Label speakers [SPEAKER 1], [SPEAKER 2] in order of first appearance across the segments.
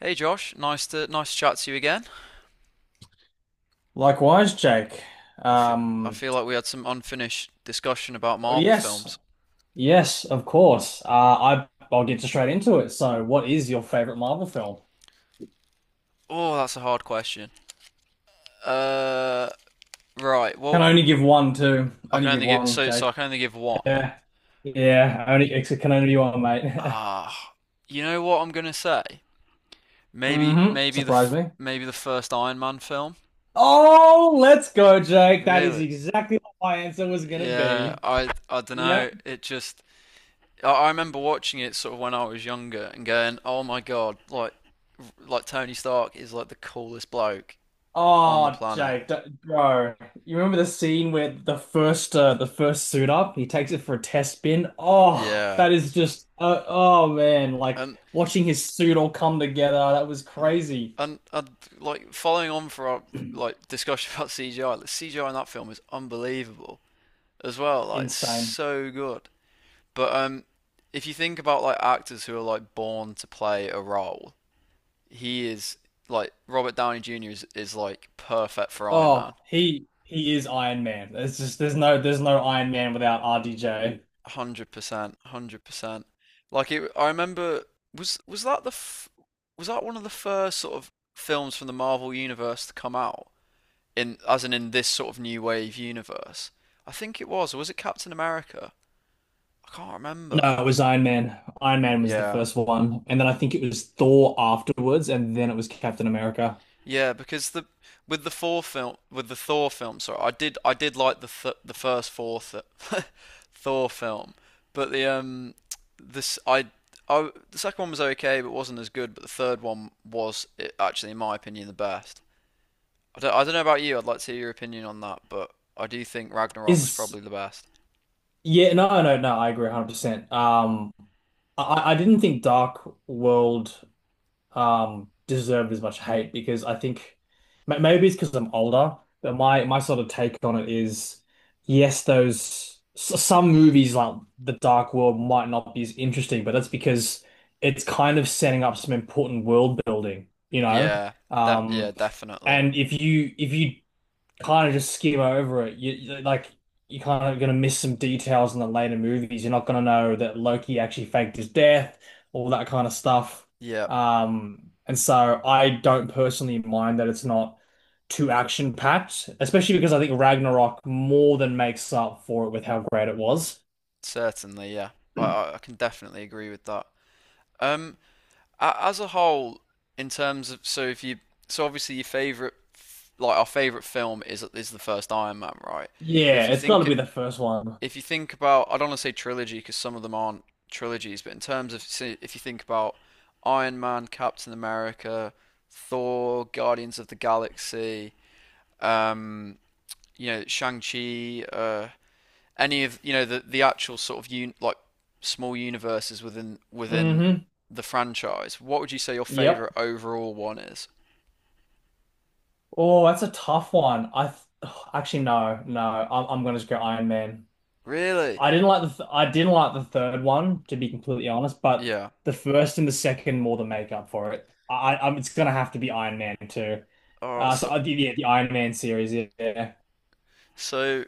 [SPEAKER 1] Hey Josh, nice to chat to you again.
[SPEAKER 2] Likewise, Jake.
[SPEAKER 1] I fe- I
[SPEAKER 2] Um,
[SPEAKER 1] feel like we had some unfinished discussion about Marvel
[SPEAKER 2] yes,
[SPEAKER 1] films.
[SPEAKER 2] yes, of course. I'll get straight into it. So, what is your favorite Marvel film?
[SPEAKER 1] Oh, that's a hard question. Uh, right.
[SPEAKER 2] Can
[SPEAKER 1] Well,
[SPEAKER 2] only give one, too. Only give one, Jake.
[SPEAKER 1] I can only give one.
[SPEAKER 2] Yeah, yeah. Only it can only be one, mate.
[SPEAKER 1] Ah, you know what I'm gonna say? Maybe
[SPEAKER 2] Mm-hmm.
[SPEAKER 1] maybe the
[SPEAKER 2] Surprise
[SPEAKER 1] f-
[SPEAKER 2] me.
[SPEAKER 1] maybe the first Iron Man film.
[SPEAKER 2] Oh, let's go, Jake. That is
[SPEAKER 1] Really?
[SPEAKER 2] exactly what my answer was gonna
[SPEAKER 1] Yeah.
[SPEAKER 2] be.
[SPEAKER 1] I don't
[SPEAKER 2] Yep.
[SPEAKER 1] know. It just I remember watching it sort of when I was younger and going, oh my god, like Tony Stark is like the coolest bloke on the
[SPEAKER 2] Oh,
[SPEAKER 1] planet.
[SPEAKER 2] Jake, bro, you remember the scene where the first suit up, he takes it for a test bin. Oh,
[SPEAKER 1] Yeah,
[SPEAKER 2] that is just oh man, like
[SPEAKER 1] and
[SPEAKER 2] watching his suit all come together, that was
[SPEAKER 1] and
[SPEAKER 2] crazy,
[SPEAKER 1] and like, following on for our like discussion about CGI, the CGI in that film is unbelievable as well. Like, it's
[SPEAKER 2] insane.
[SPEAKER 1] so good. But if you think about like actors who are like born to play a role, he is like Robert Downey Jr. is like perfect for Iron Man.
[SPEAKER 2] Oh, he is Iron Man. There's just there's no Iron Man without RDJ.
[SPEAKER 1] 100%, 100%. Like it, I remember was was that the f- was that one of the first sort of films from the Marvel universe to come out, in as in this sort of new wave universe? I think it was, or was it Captain America? I can't remember.
[SPEAKER 2] No, it was Iron Man. Iron Man was the
[SPEAKER 1] Yeah.
[SPEAKER 2] first one, and then I think it was Thor afterwards, and then it was Captain America.
[SPEAKER 1] Yeah, because the with the Thor film with the Thor film, sorry, I did like the first Thor th Thor film, but the this I the second one was okay, but wasn't as good. But the third one was I actually, in my opinion, the best. I don't know about you. I'd like to hear your opinion on that, but I do think Ragnarok was
[SPEAKER 2] Is
[SPEAKER 1] probably the best.
[SPEAKER 2] Yeah, no, no, no, I agree 100%. I didn't think Dark World deserved as much hate because I think maybe it's because I'm older, but my sort of take on it is yes, those some movies like The Dark World might not be as interesting, but that's because it's kind of setting up some important world building, you know?
[SPEAKER 1] Yeah, yeah,
[SPEAKER 2] Um,
[SPEAKER 1] definitely.
[SPEAKER 2] and if you kind of just skim over it. Like you're kind of gonna miss some details in the later movies. You're not gonna know that Loki actually faked his death, all that kind of stuff.
[SPEAKER 1] Yeah,
[SPEAKER 2] And so I don't personally mind that it's not too action packed, especially because I think Ragnarok more than makes up for it with how great it was.
[SPEAKER 1] certainly. Yeah, I can definitely agree with that. Um, as a whole, in terms of, so if you so obviously your favorite like our favorite film is the first Iron Man, right? But
[SPEAKER 2] Yeah, it's got to be the first one.
[SPEAKER 1] if you think about, I don't want to say trilogy because some of them aren't trilogies, but in terms of, say, if you think about Iron Man, Captain America, Thor, Guardians of the Galaxy, um, Shang-Chi, any of the actual sort of like, small universes within
[SPEAKER 2] Hmm.
[SPEAKER 1] the franchise, what would you say your
[SPEAKER 2] Yep.
[SPEAKER 1] favorite overall one is?
[SPEAKER 2] Oh, that's a tough one. I th actually no, no. I'm gonna just go Iron Man.
[SPEAKER 1] Really?
[SPEAKER 2] I didn't like the third one, to be completely honest, but
[SPEAKER 1] Yeah.
[SPEAKER 2] the first and the second more than make up for it. I It's gonna have to be Iron Man 2.
[SPEAKER 1] All right.
[SPEAKER 2] So I did Yeah, the Iron Man series, yeah.
[SPEAKER 1] So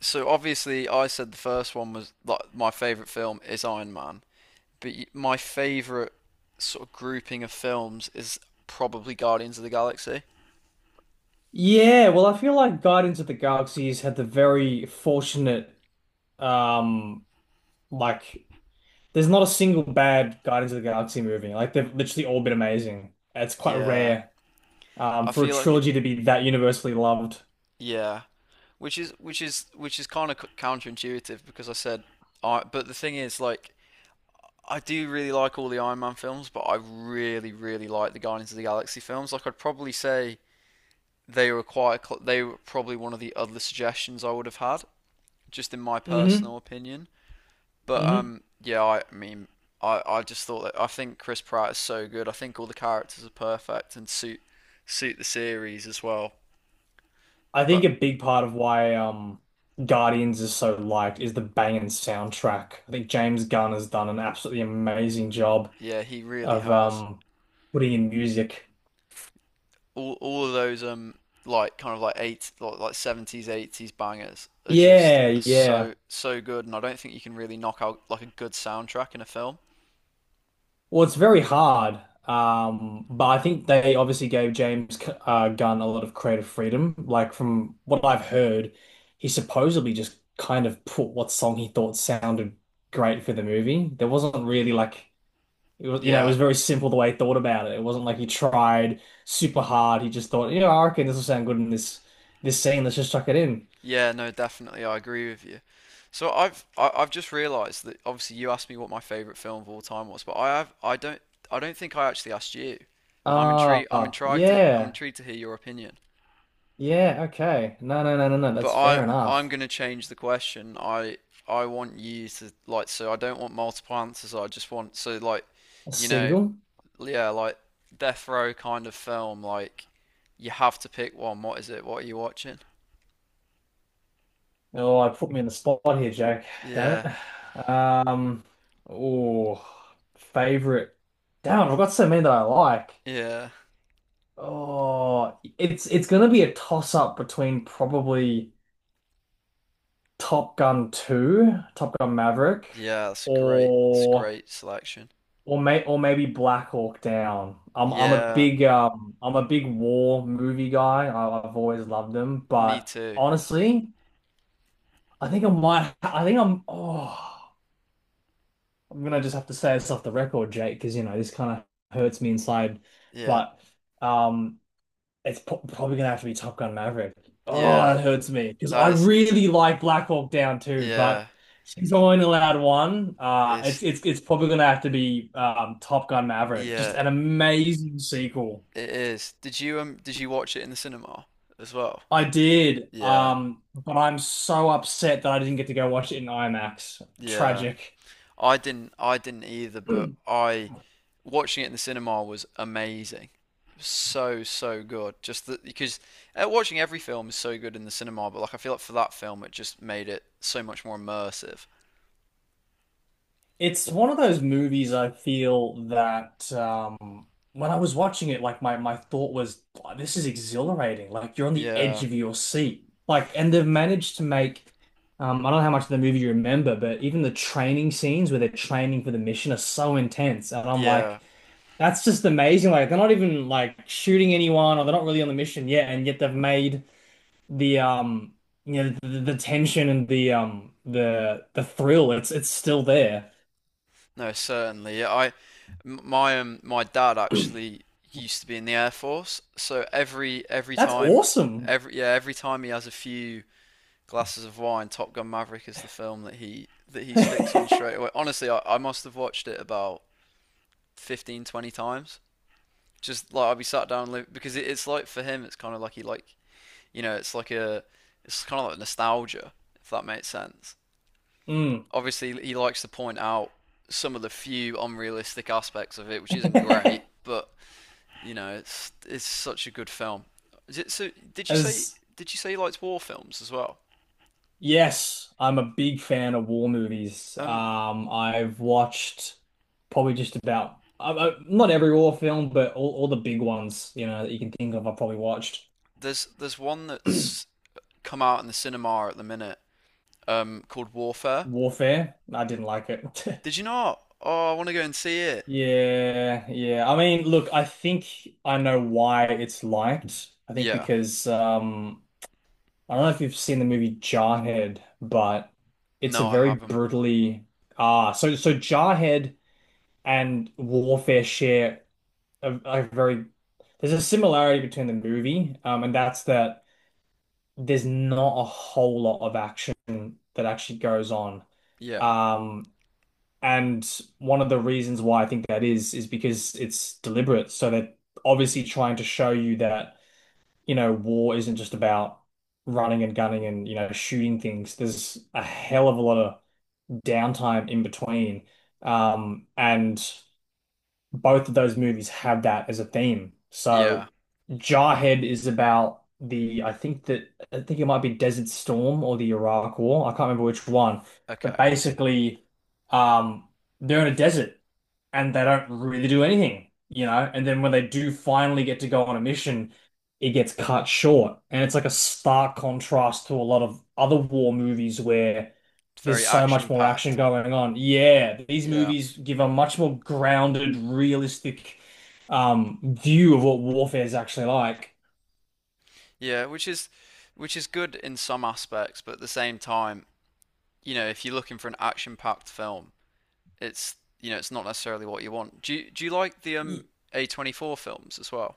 [SPEAKER 1] so obviously I said the first one was like my favorite film is Iron Man, but my favorite sort of grouping of films is probably Guardians of the Galaxy.
[SPEAKER 2] Yeah, well, I feel like Guardians of the Galaxies had the very fortunate, um, like there's not a single bad Guardians of the Galaxy movie. Like they've literally all been amazing. It's quite
[SPEAKER 1] Yeah.
[SPEAKER 2] rare,
[SPEAKER 1] I
[SPEAKER 2] for a
[SPEAKER 1] feel like it,
[SPEAKER 2] trilogy to be that universally loved.
[SPEAKER 1] yeah, Which is kind of counterintuitive, because I said I but the thing is, like, I do really like all the Iron Man films, but I really, really like the Guardians of the Galaxy films. Like, I'd probably say they were probably one of the other suggestions I would have had, just in my personal
[SPEAKER 2] Hmm.
[SPEAKER 1] opinion. But
[SPEAKER 2] Hmm.
[SPEAKER 1] yeah, I mean, I just thought that I think Chris Pratt is so good. I think all the characters are perfect and suit the series as well.
[SPEAKER 2] I think
[SPEAKER 1] But
[SPEAKER 2] a big part of why Guardians is so liked is the banging soundtrack. I think James Gunn has done an absolutely amazing job
[SPEAKER 1] yeah, he really
[SPEAKER 2] of
[SPEAKER 1] has.
[SPEAKER 2] putting in music.
[SPEAKER 1] All of those like, kind of like, eight like 70s 80s bangers are just
[SPEAKER 2] Yeah,
[SPEAKER 1] are so
[SPEAKER 2] yeah.
[SPEAKER 1] so good, and I don't think you can really knock out like a good soundtrack in a film.
[SPEAKER 2] Well, it's very hard. But I think they obviously gave James Gunn a lot of creative freedom. Like from what I've heard, he supposedly just kind of put what song he thought sounded great for the movie. There wasn't really like It was, you know, it was
[SPEAKER 1] Yeah,
[SPEAKER 2] very simple the way he thought about it. It wasn't like he tried super hard. He just thought, you know, I reckon this will sound good in this scene. Let's just chuck it in.
[SPEAKER 1] yeah, no, definitely, I agree with you. So I've just realised that obviously you asked me what my favourite film of all time was, but I don't think I actually asked you, and I'm intrigued I'm
[SPEAKER 2] Ah,
[SPEAKER 1] intrigued to I'm
[SPEAKER 2] yeah,
[SPEAKER 1] intrigued to hear your opinion.
[SPEAKER 2] yeah, okay. No, no, no, no, no.
[SPEAKER 1] But
[SPEAKER 2] That's
[SPEAKER 1] I
[SPEAKER 2] fair
[SPEAKER 1] I'm
[SPEAKER 2] enough.
[SPEAKER 1] gonna change the question. I want you to like so I don't want multiple answers. I just want so Like,
[SPEAKER 2] A
[SPEAKER 1] you know
[SPEAKER 2] single.
[SPEAKER 1] yeah, like death row kind of film, like you have to pick one. What is it? What are you watching?
[SPEAKER 2] Oh, I put me in the spot here, Jack. Damn it.
[SPEAKER 1] Yeah,
[SPEAKER 2] Oh, favorite. Damn, I've got so many that I like.
[SPEAKER 1] yeah,
[SPEAKER 2] Oh, it's gonna be a toss up between probably. Top Gun 2, Top Gun Maverick,
[SPEAKER 1] yeah. That's a great. It's a
[SPEAKER 2] or
[SPEAKER 1] great selection.
[SPEAKER 2] maybe Black Hawk Down.
[SPEAKER 1] Yeah,
[SPEAKER 2] I'm a big war movie guy. I, I've always loved them,
[SPEAKER 1] me
[SPEAKER 2] but
[SPEAKER 1] too.
[SPEAKER 2] honestly, I think I might I think I'm I'm gonna just have to say this off the record, Jake, because you know this kind of hurts me inside.
[SPEAKER 1] Yeah,
[SPEAKER 2] But um it's probably gonna have to be Top Gun Maverick. Oh,
[SPEAKER 1] yeah.
[SPEAKER 2] that hurts me because I
[SPEAKER 1] That is,
[SPEAKER 2] really like Black Hawk Down too,
[SPEAKER 1] yeah.
[SPEAKER 2] but she's only allowed one. Uh,
[SPEAKER 1] It's,
[SPEAKER 2] it's it's it's probably gonna have to be Top Gun Maverick. Just
[SPEAKER 1] yeah.
[SPEAKER 2] an amazing sequel.
[SPEAKER 1] It is. Did you watch it in the cinema as well?
[SPEAKER 2] I did,
[SPEAKER 1] Yeah,
[SPEAKER 2] but I'm so upset that I didn't get to go watch it in IMAX.
[SPEAKER 1] yeah.
[SPEAKER 2] Tragic.
[SPEAKER 1] I didn't. I didn't either. But I Watching it in the cinema was amazing. So, so good. Because watching every film is so good in the cinema, but like I feel like for that film, it just made it so much more immersive.
[SPEAKER 2] It's one of those movies I feel that when I was watching it, like my thought was, "Wow, this is exhilarating. Like you're on the edge
[SPEAKER 1] Yeah.
[SPEAKER 2] of your seat. Like, and they've managed to make, I don't know how much of the movie you remember, but even the training scenes where they're training for the mission are so intense. And I'm
[SPEAKER 1] Yeah.
[SPEAKER 2] like, that's just amazing. Like they're not even like shooting anyone or they're not really on the mission yet, and yet they've made the you know the tension and the thrill, it's still there.
[SPEAKER 1] No, certainly. Yeah, I m- my my dad actually used to be in the Air Force, so every every
[SPEAKER 2] That's
[SPEAKER 1] time
[SPEAKER 2] awesome.
[SPEAKER 1] every yeah every time he has a few glasses of wine. Top Gun Maverick is the film that he sticks on straight away. Honestly, I must have watched it about 15 to 20 times. Just like I'll be sat down because it's like for him, it's kind of like he like you know, it's kind of like nostalgia, if that makes sense.
[SPEAKER 2] Mm.
[SPEAKER 1] Obviously, he likes to point out some of the few unrealistic aspects of it, which isn't great, but it's such a good film. Is it, so did you say
[SPEAKER 2] As
[SPEAKER 1] Did you say he likes war films as well?
[SPEAKER 2] Yes, I'm a big fan of war movies.
[SPEAKER 1] Um,
[SPEAKER 2] I've watched probably just about not every war film, but all the big ones, you know, that you can think of, I've probably watched.
[SPEAKER 1] there's one that's come out in the cinema at the minute, called Warfare.
[SPEAKER 2] Warfare, I didn't like it.
[SPEAKER 1] Did you not? Oh, I want to go and see it.
[SPEAKER 2] Yeah, yeah. I mean, look, I think I know why it's liked. I think
[SPEAKER 1] Yeah.
[SPEAKER 2] because I don't know if you've seen the movie Jarhead, but it's a
[SPEAKER 1] No, I
[SPEAKER 2] very
[SPEAKER 1] haven't.
[SPEAKER 2] brutally ah so so Jarhead and Warfare share a very there's a similarity between the movie, and that's that there's not a whole lot of action that actually goes on.
[SPEAKER 1] Yeah.
[SPEAKER 2] Um, and one of the reasons why I think that is because it's deliberate, so they're obviously trying to show you that you know, war isn't just about running and gunning and, you know, shooting things. There's a hell of a lot of downtime in between. And both of those movies have that as a theme. So
[SPEAKER 1] Yeah.
[SPEAKER 2] Jarhead is about the I think it might be Desert Storm or the Iraq War. I can't remember which one. But
[SPEAKER 1] Okay.
[SPEAKER 2] basically, um, they're in a desert and they don't really do anything, you know? And then when they do finally get to go on a mission, it gets cut short. And it's like a stark contrast to a lot of other war movies where
[SPEAKER 1] It's
[SPEAKER 2] there's
[SPEAKER 1] very
[SPEAKER 2] so much
[SPEAKER 1] action
[SPEAKER 2] more action
[SPEAKER 1] packed.
[SPEAKER 2] going on. Yeah, these
[SPEAKER 1] Yeah.
[SPEAKER 2] movies give a much more grounded, realistic view of what warfare is actually like.
[SPEAKER 1] Yeah, which is good in some aspects, but at the same time, if you're looking for an action packed film, it's, it's not necessarily what you want. Do you like the
[SPEAKER 2] Y-
[SPEAKER 1] A24 films as well?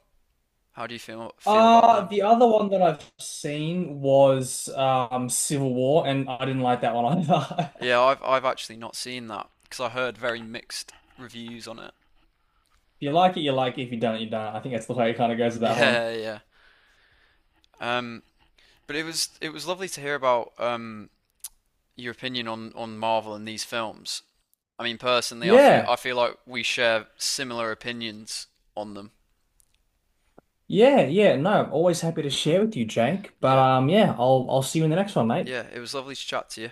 [SPEAKER 1] How do you feel about them?
[SPEAKER 2] The other one that I've seen was Civil War, and I didn't like that one either.
[SPEAKER 1] Yeah, I've actually not seen that because I heard very mixed reviews on it.
[SPEAKER 2] If you like it, you like it. If you don't, you don't. I think that's the way it kind of goes with that one.
[SPEAKER 1] Yeah, yeah. Um, but it was lovely to hear about, your opinion on Marvel and these films. I mean, personally, I feel
[SPEAKER 2] Yeah,
[SPEAKER 1] I feel like we share similar opinions on them.
[SPEAKER 2] yeah, yeah. No, I'm always happy to share with you, Jake. But
[SPEAKER 1] Yeah,
[SPEAKER 2] yeah, I'll see you in the next one, mate.
[SPEAKER 1] yeah. It was lovely to chat to you.